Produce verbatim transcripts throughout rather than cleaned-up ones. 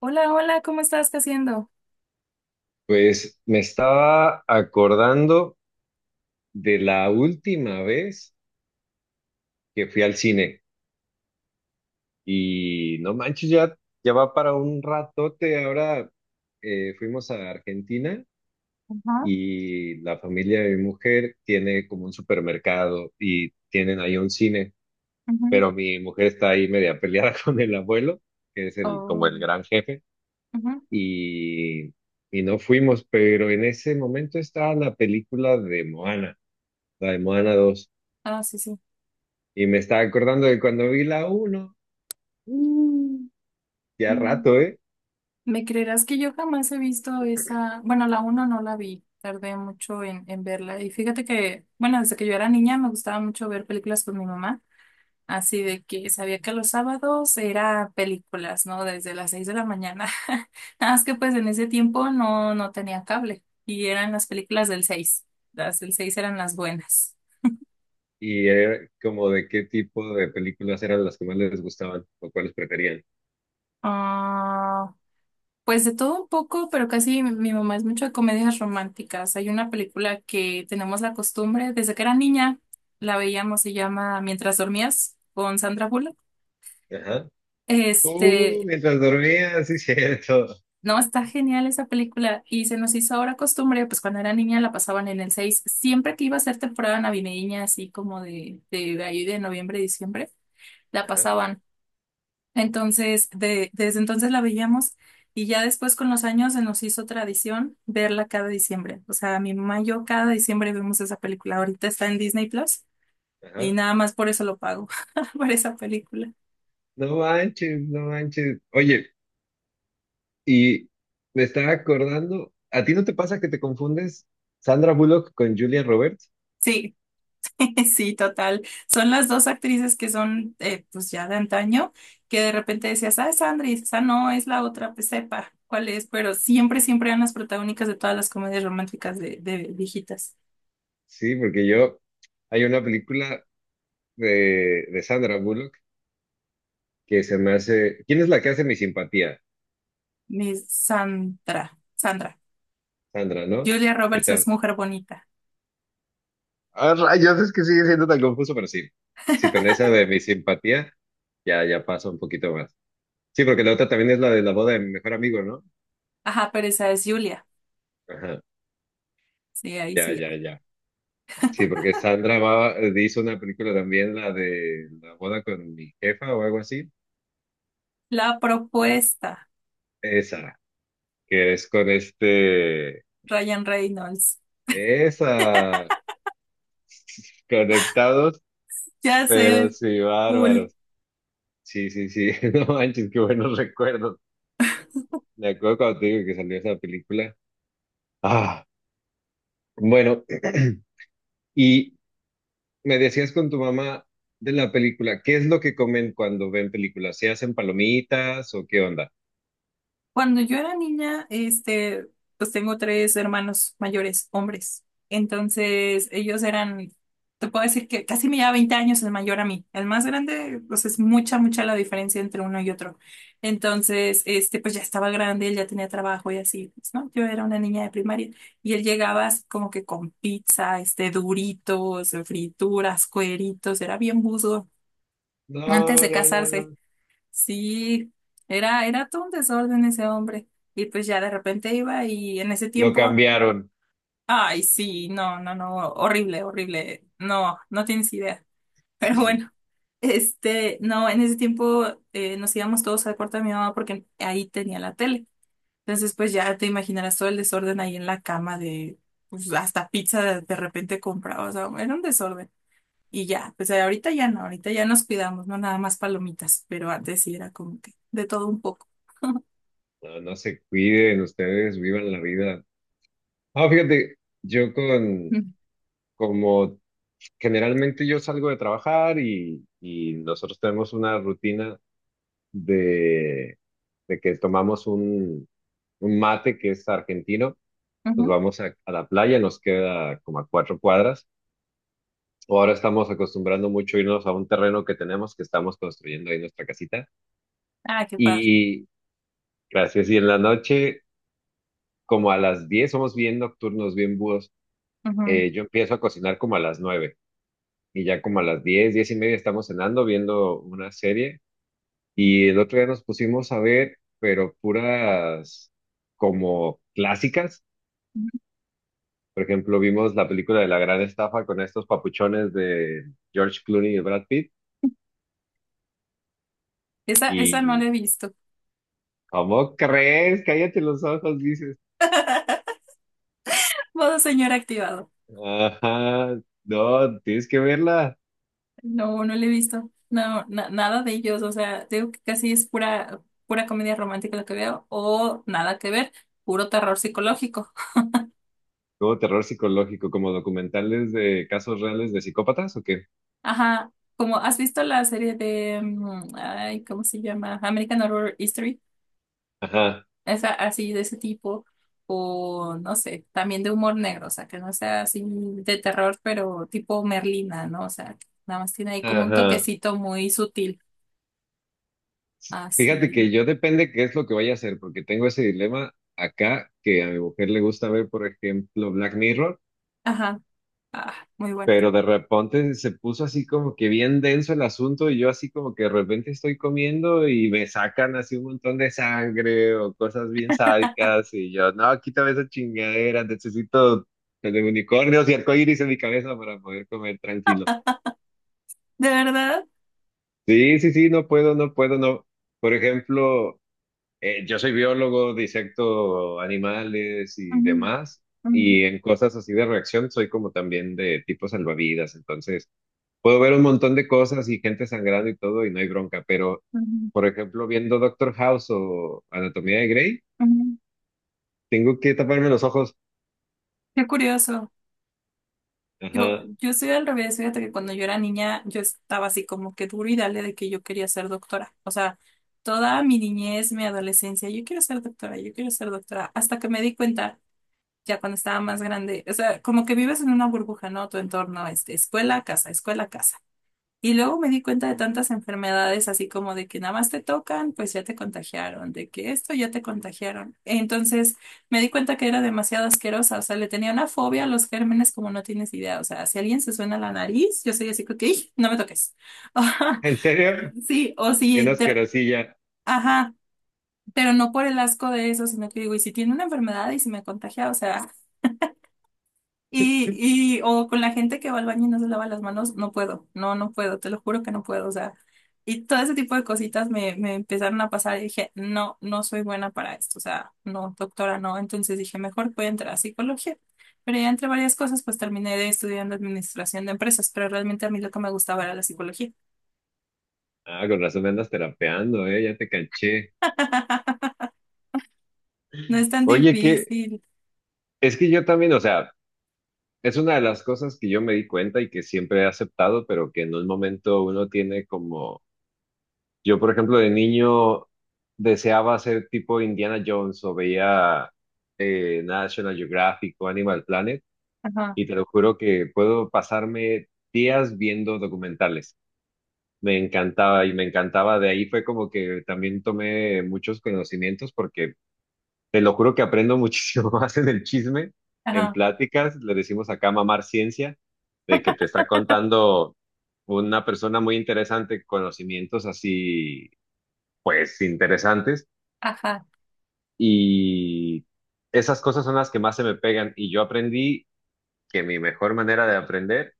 Hola, hola, ¿cómo estás? ¿Qué haciendo? Pues me estaba acordando de la última vez que fui al cine y no manches, ya, ya va para un ratote. Ahora eh, fuimos a Argentina Ajá, y la familia de mi mujer tiene como un supermercado y tienen ahí un cine, ujú. pero mi mujer está ahí media peleada con el abuelo, que es el, como Oh, el gran jefe, ujú. y, y no fuimos, pero en ese momento estaba la película de Moana, la de Moana dos. Ah, sí, sí. Y me estaba acordando de cuando vi la uno, mm, ya Mm, rato, ¿eh? ¿Me creerás que yo jamás he visto esa? Bueno, la uno no la vi, tardé mucho en, en verla. Y fíjate que, bueno, desde que yo era niña me gustaba mucho ver películas con mi mamá, así de que sabía que los sábados era películas, ¿no? Desde las seis de la mañana. Nada más que pues en ese tiempo no, no tenía cable y eran las películas del seis. Las del seis eran las buenas. Y era como de qué tipo de películas eran las que más les gustaban o cuáles preferían. Ah. Pues de todo un poco, pero casi mi, mi mamá es mucho de comedias románticas. Hay una película que tenemos la costumbre, desde que era niña, la veíamos, se llama Mientras dormías, con Sandra Bullock. Ajá. Uh, Este, Mientras dormía, sí, cierto. no, está genial esa película y se nos hizo ahora costumbre, pues cuando era niña la pasaban en el seis. Siempre que iba a ser temporada navideña, así como de, de, de ahí, de noviembre, diciembre, la Ajá, pasaban. Entonces, de- desde entonces la veíamos y ya después con los años se nos hizo tradición verla cada diciembre. O sea, mi mamá y yo cada diciembre vemos esa película. Ahorita está en Disney Plus y ajá. nada más por eso lo pago, por esa película. No manches, no manches. Oye, y me estaba acordando, ¿a ti no te pasa que te confundes Sandra Bullock con Julia Roberts? Sí, sí, total. Son las dos actrices que son, eh, pues ya de antaño, que de repente decías, ah, es Sandra, y dices, ah, no, es la otra, pues sepa cuál es, pero siempre, siempre eran las protagónicas de todas las comedias románticas de, de viejitas. Sí, porque yo, hay una película de, de Sandra Bullock que se me hace, ¿quién es la que hace mi simpatía? Mi Sandra, Sandra. Sandra, ¿no? Julia ¿Qué Roberts es tal? mujer bonita. Ah, rayos, es que sigue siendo tan confuso, pero sí. Sí, con esa de mi simpatía, ya, ya pasa un poquito más. Sí, porque la otra también es la de la boda de mi mejor amigo, ¿no? Ajá, pero esa es Julia. Ajá, Sí, ahí ya, sí. ya, ya. Sí, porque Sandra va- hizo una película también, la de la boda con mi jefa o algo así. La propuesta, Esa, que es con este, Ryan Reynolds. esa, conectados, Ya pero sé, sí, full. bárbaros. Sí, sí, sí, no manches, qué buenos recuerdos. Me acuerdo cuando te digo que salió esa película. Ah, bueno, y me decías con tu mamá de la película, ¿qué es lo que comen cuando ven películas? ¿Se hacen palomitas o qué onda? Cuando yo era niña, este, pues tengo tres hermanos mayores, hombres. Entonces, ellos eran, te puedo decir que casi me lleva veinte años el mayor a mí. El más grande, pues es mucha, mucha la diferencia entre uno y otro. Entonces, este, pues ya estaba grande, él ya tenía trabajo y así, pues, ¿no? Yo era una niña de primaria y él llegaba así como que con pizza, este, duritos, frituras, cueritos, era bien buzo No, antes de no, no, casarse. no. Sí, era, era todo un desorden ese hombre. Y pues ya de repente iba y en ese Lo tiempo, cambiaron. ay, sí, no, no, no, horrible, horrible. No, no tienes idea. Pero bueno, este, no, en ese tiempo eh, nos íbamos todos al cuarto de mi mamá porque ahí tenía la tele. Entonces, pues ya te imaginarás todo el desorden ahí en la cama de, pues hasta pizza de, de repente compraba. O sea, era un desorden. Y ya, pues eh, ahorita ya no, ahorita ya nos cuidamos, no nada más palomitas, pero antes sí era como que de todo un poco. No, no se cuiden, ustedes vivan la vida. Ah, fíjate, yo con, Mm, como generalmente yo salgo de trabajar y, y nosotros tenemos una rutina de, de que tomamos un, un mate que es argentino, nos ujú. vamos a, a la playa, nos queda como a cuatro cuadras. O ahora estamos acostumbrando mucho irnos a un terreno que tenemos, que estamos construyendo ahí nuestra casita. Ah, qué padre. Y gracias. Y en la noche, como a las diez, somos bien nocturnos, bien búhos. Ujú. Eh, yo empiezo a cocinar como a las nueve y ya como a las diez, diez y media estamos cenando, viendo una serie. Y el otro día nos pusimos a ver, pero puras como clásicas. Por ejemplo, vimos la película de La Gran Estafa con estos papuchones de George Clooney y Brad Pitt. Esa, esa no Y, la he visto. ¿cómo crees? Cállate los ojos, dices. Modo señor activado. Ajá, no, tienes que verla. No, no la he visto. No, na- nada de ellos. O sea, digo que casi es pura, pura comedia romántica lo que veo, o nada que ver, puro terror psicológico. Como terror psicológico, como documentales de casos reales de psicópatas o qué. Ajá. Como has visto la serie de, mm, ay, ¿cómo se llama? American Horror History, Ajá, esa, así de ese tipo, o no sé, también de humor negro, o sea, que no sea así de terror, pero tipo Merlina, ¿no? O sea, que nada más tiene ahí como un ajá. toquecito muy sutil, Fíjate así. que yo depende qué es lo que vaya a hacer, porque tengo ese dilema acá que a mi mujer le gusta ver, por ejemplo, Black Mirror. Ajá, ah, muy buena. Pero de repente se puso así como que bien denso el asunto y yo así como que de repente estoy comiendo y me sacan así un montón de sangre o cosas bien sádicas y yo, no, quítame esa chingadera, necesito el de unicornios y arcoíris en mi cabeza para poder comer tranquilo. ¿De verdad? Sí, sí, sí, no puedo, no puedo, no. Por ejemplo, eh, yo soy biólogo, disecto animales y Ujú, demás. ujú, Y en cosas así de reacción soy como también de tipo salvavidas, entonces puedo ver un montón de cosas y gente sangrando y todo y no hay bronca, pero, ujú, por ejemplo, viendo Doctor House o Anatomía de Grey, ujú. tengo que taparme los ojos. Qué curioso. Yo, Ajá. yo soy al revés, fíjate que cuando yo era niña, yo estaba así como que duro y dale de que yo quería ser doctora. O sea, toda mi niñez, mi adolescencia, yo quiero ser doctora, yo quiero ser doctora, hasta que me di cuenta ya cuando estaba más grande, o sea, como que vives en una burbuja, ¿no? Tu entorno, este, escuela, casa, escuela, casa. Y luego me di cuenta de tantas enfermedades, así como de que nada más te tocan, pues ya te contagiaron, de que esto ya te contagiaron. Entonces me di cuenta que era demasiado asquerosa, o sea, le tenía una fobia a los gérmenes como no tienes idea. O sea, si alguien se suena la nariz, yo soy así, como que "Ih, no me toques". ¿En serio? Sí, o Bien si, te- asquerosilla. ajá, pero no por el asco de eso, sino que digo, y si tiene una enfermedad y si me contagia, o sea. Y, y, o con la gente que va al baño y no se lava las manos, no puedo, no, no puedo, te lo juro que no puedo, o sea, y todo ese tipo de cositas me, me empezaron a pasar y dije, no, no soy buena para esto, o sea, no, doctora, no, entonces dije, mejor voy a entrar a psicología, pero ya entre varias cosas, pues terminé de estudiando administración de empresas, pero realmente a mí lo que me gustaba era la psicología. Ah, con razón me andas terapeando, eh, ya te canché. No es tan Oye, que difícil. es que yo también, o sea, es una de las cosas que yo me di cuenta y que siempre he aceptado, pero que en un momento uno tiene como. Yo, por ejemplo, de niño deseaba ser tipo Indiana Jones o veía eh, National Geographic o Animal Planet Ajá, y te lo juro que puedo pasarme días viendo documentales. Me encantaba y me encantaba. De ahí fue como que también tomé muchos conocimientos porque te lo juro que aprendo muchísimo más en el chisme, en ajá, pláticas. Le decimos acá mamar ciencia, de que te está contando una persona muy interesante, conocimientos así pues interesantes, ajá. y esas cosas son las que más se me pegan y yo aprendí que mi mejor manera de aprender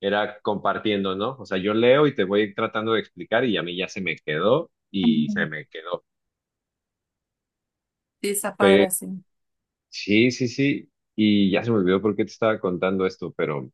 era compartiendo, ¿no? O sea, yo leo y te voy tratando de explicar y a mí ya se me quedó y Ujú. se me quedó. Sí, está Pero, padre, sí. sí, sí, sí. Y ya se me olvidó por qué te estaba contando esto, pero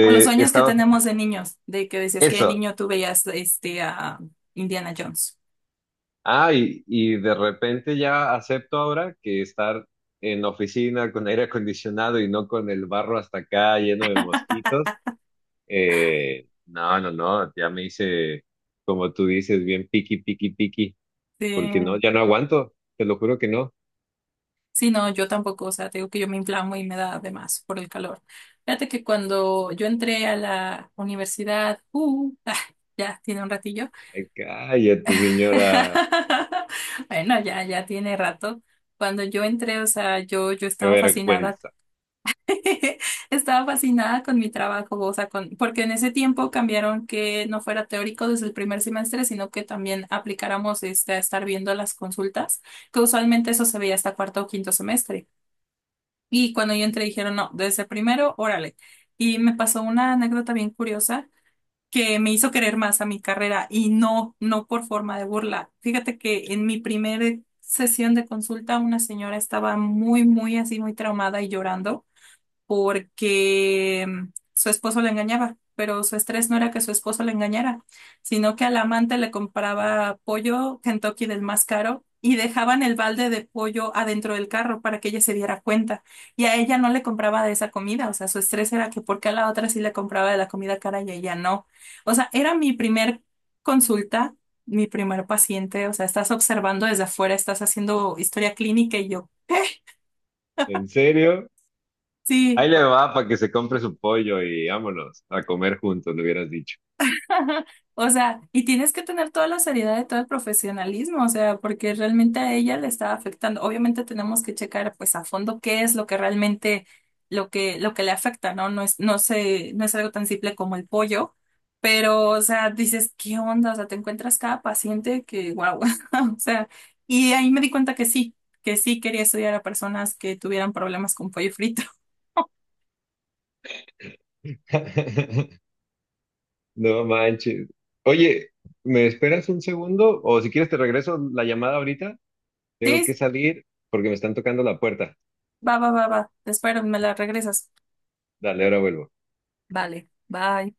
Por los sueños que estaba tenemos de niños, de que decías que de eso. niño tú veías este a Indiana Jones. Ah, y, y de repente ya acepto ahora que estar en oficina con aire acondicionado y no con el barro hasta acá lleno de mosquitos. Eh, no, no, no, ya me hice, como tú dices, bien piqui, piqui, piqui, Sí, porque no, ya no aguanto, te lo juro que no. sí, no, yo tampoco, o sea, te digo que yo me inflamo y me da de más por el calor. Fíjate que cuando yo entré a la universidad, uh, ah, ya tiene un ratillo. Ay, cállate, señora, Bueno, ya, ya tiene rato. Cuando yo entré, o sea, yo, yo qué estaba fascinada vergüenza. Estaba fascinada con mi trabajo, o sea, con, porque en ese tiempo cambiaron que no fuera teórico desde el primer semestre, sino que también aplicáramos este, a estar viendo las consultas, que usualmente eso se veía hasta cuarto o quinto semestre. Y cuando yo entré dijeron, no, desde primero, órale. Y me pasó una anécdota bien curiosa que me hizo querer más a mi carrera y no, no por forma de burla. Fíjate que en mi primera sesión de consulta una señora estaba muy, muy así, muy traumada y llorando porque mm, su esposo la engañaba, pero su estrés no era que su esposo la engañara, sino que al amante le compraba pollo Kentucky del más caro y dejaban el balde de pollo adentro del carro para que ella se diera cuenta. Y a ella no le compraba de esa comida, o sea, su estrés era que porque a la otra sí le compraba de la comida cara y a ella no. O sea, era mi primer consulta. Mi primer paciente, o sea, estás observando desde afuera, estás haciendo historia clínica y yo, ¿En serio? sí. Ahí le va para que se compre su pollo y vámonos a comer juntos, le hubieras dicho. O sea, y tienes que tener toda la seriedad y todo el profesionalismo, o sea, porque realmente a ella le está afectando. Obviamente tenemos que checar pues a fondo qué es lo que realmente lo que lo que le afecta, ¿no? No es no sé, no es algo tan simple como el pollo, pero o sea, dices, ¿qué onda? O sea, te encuentras cada paciente que wow. O sea, y ahí me di cuenta que sí, que sí quería estudiar a personas que tuvieran problemas con pollo frito. No manches. Oye, ¿me esperas un segundo? O si quieres te regreso la llamada ahorita. Tengo Sí, que salir porque me están tocando la puerta. va, va, va, va. Te espero, me la regresas. Dale, ahora vuelvo. Vale, bye.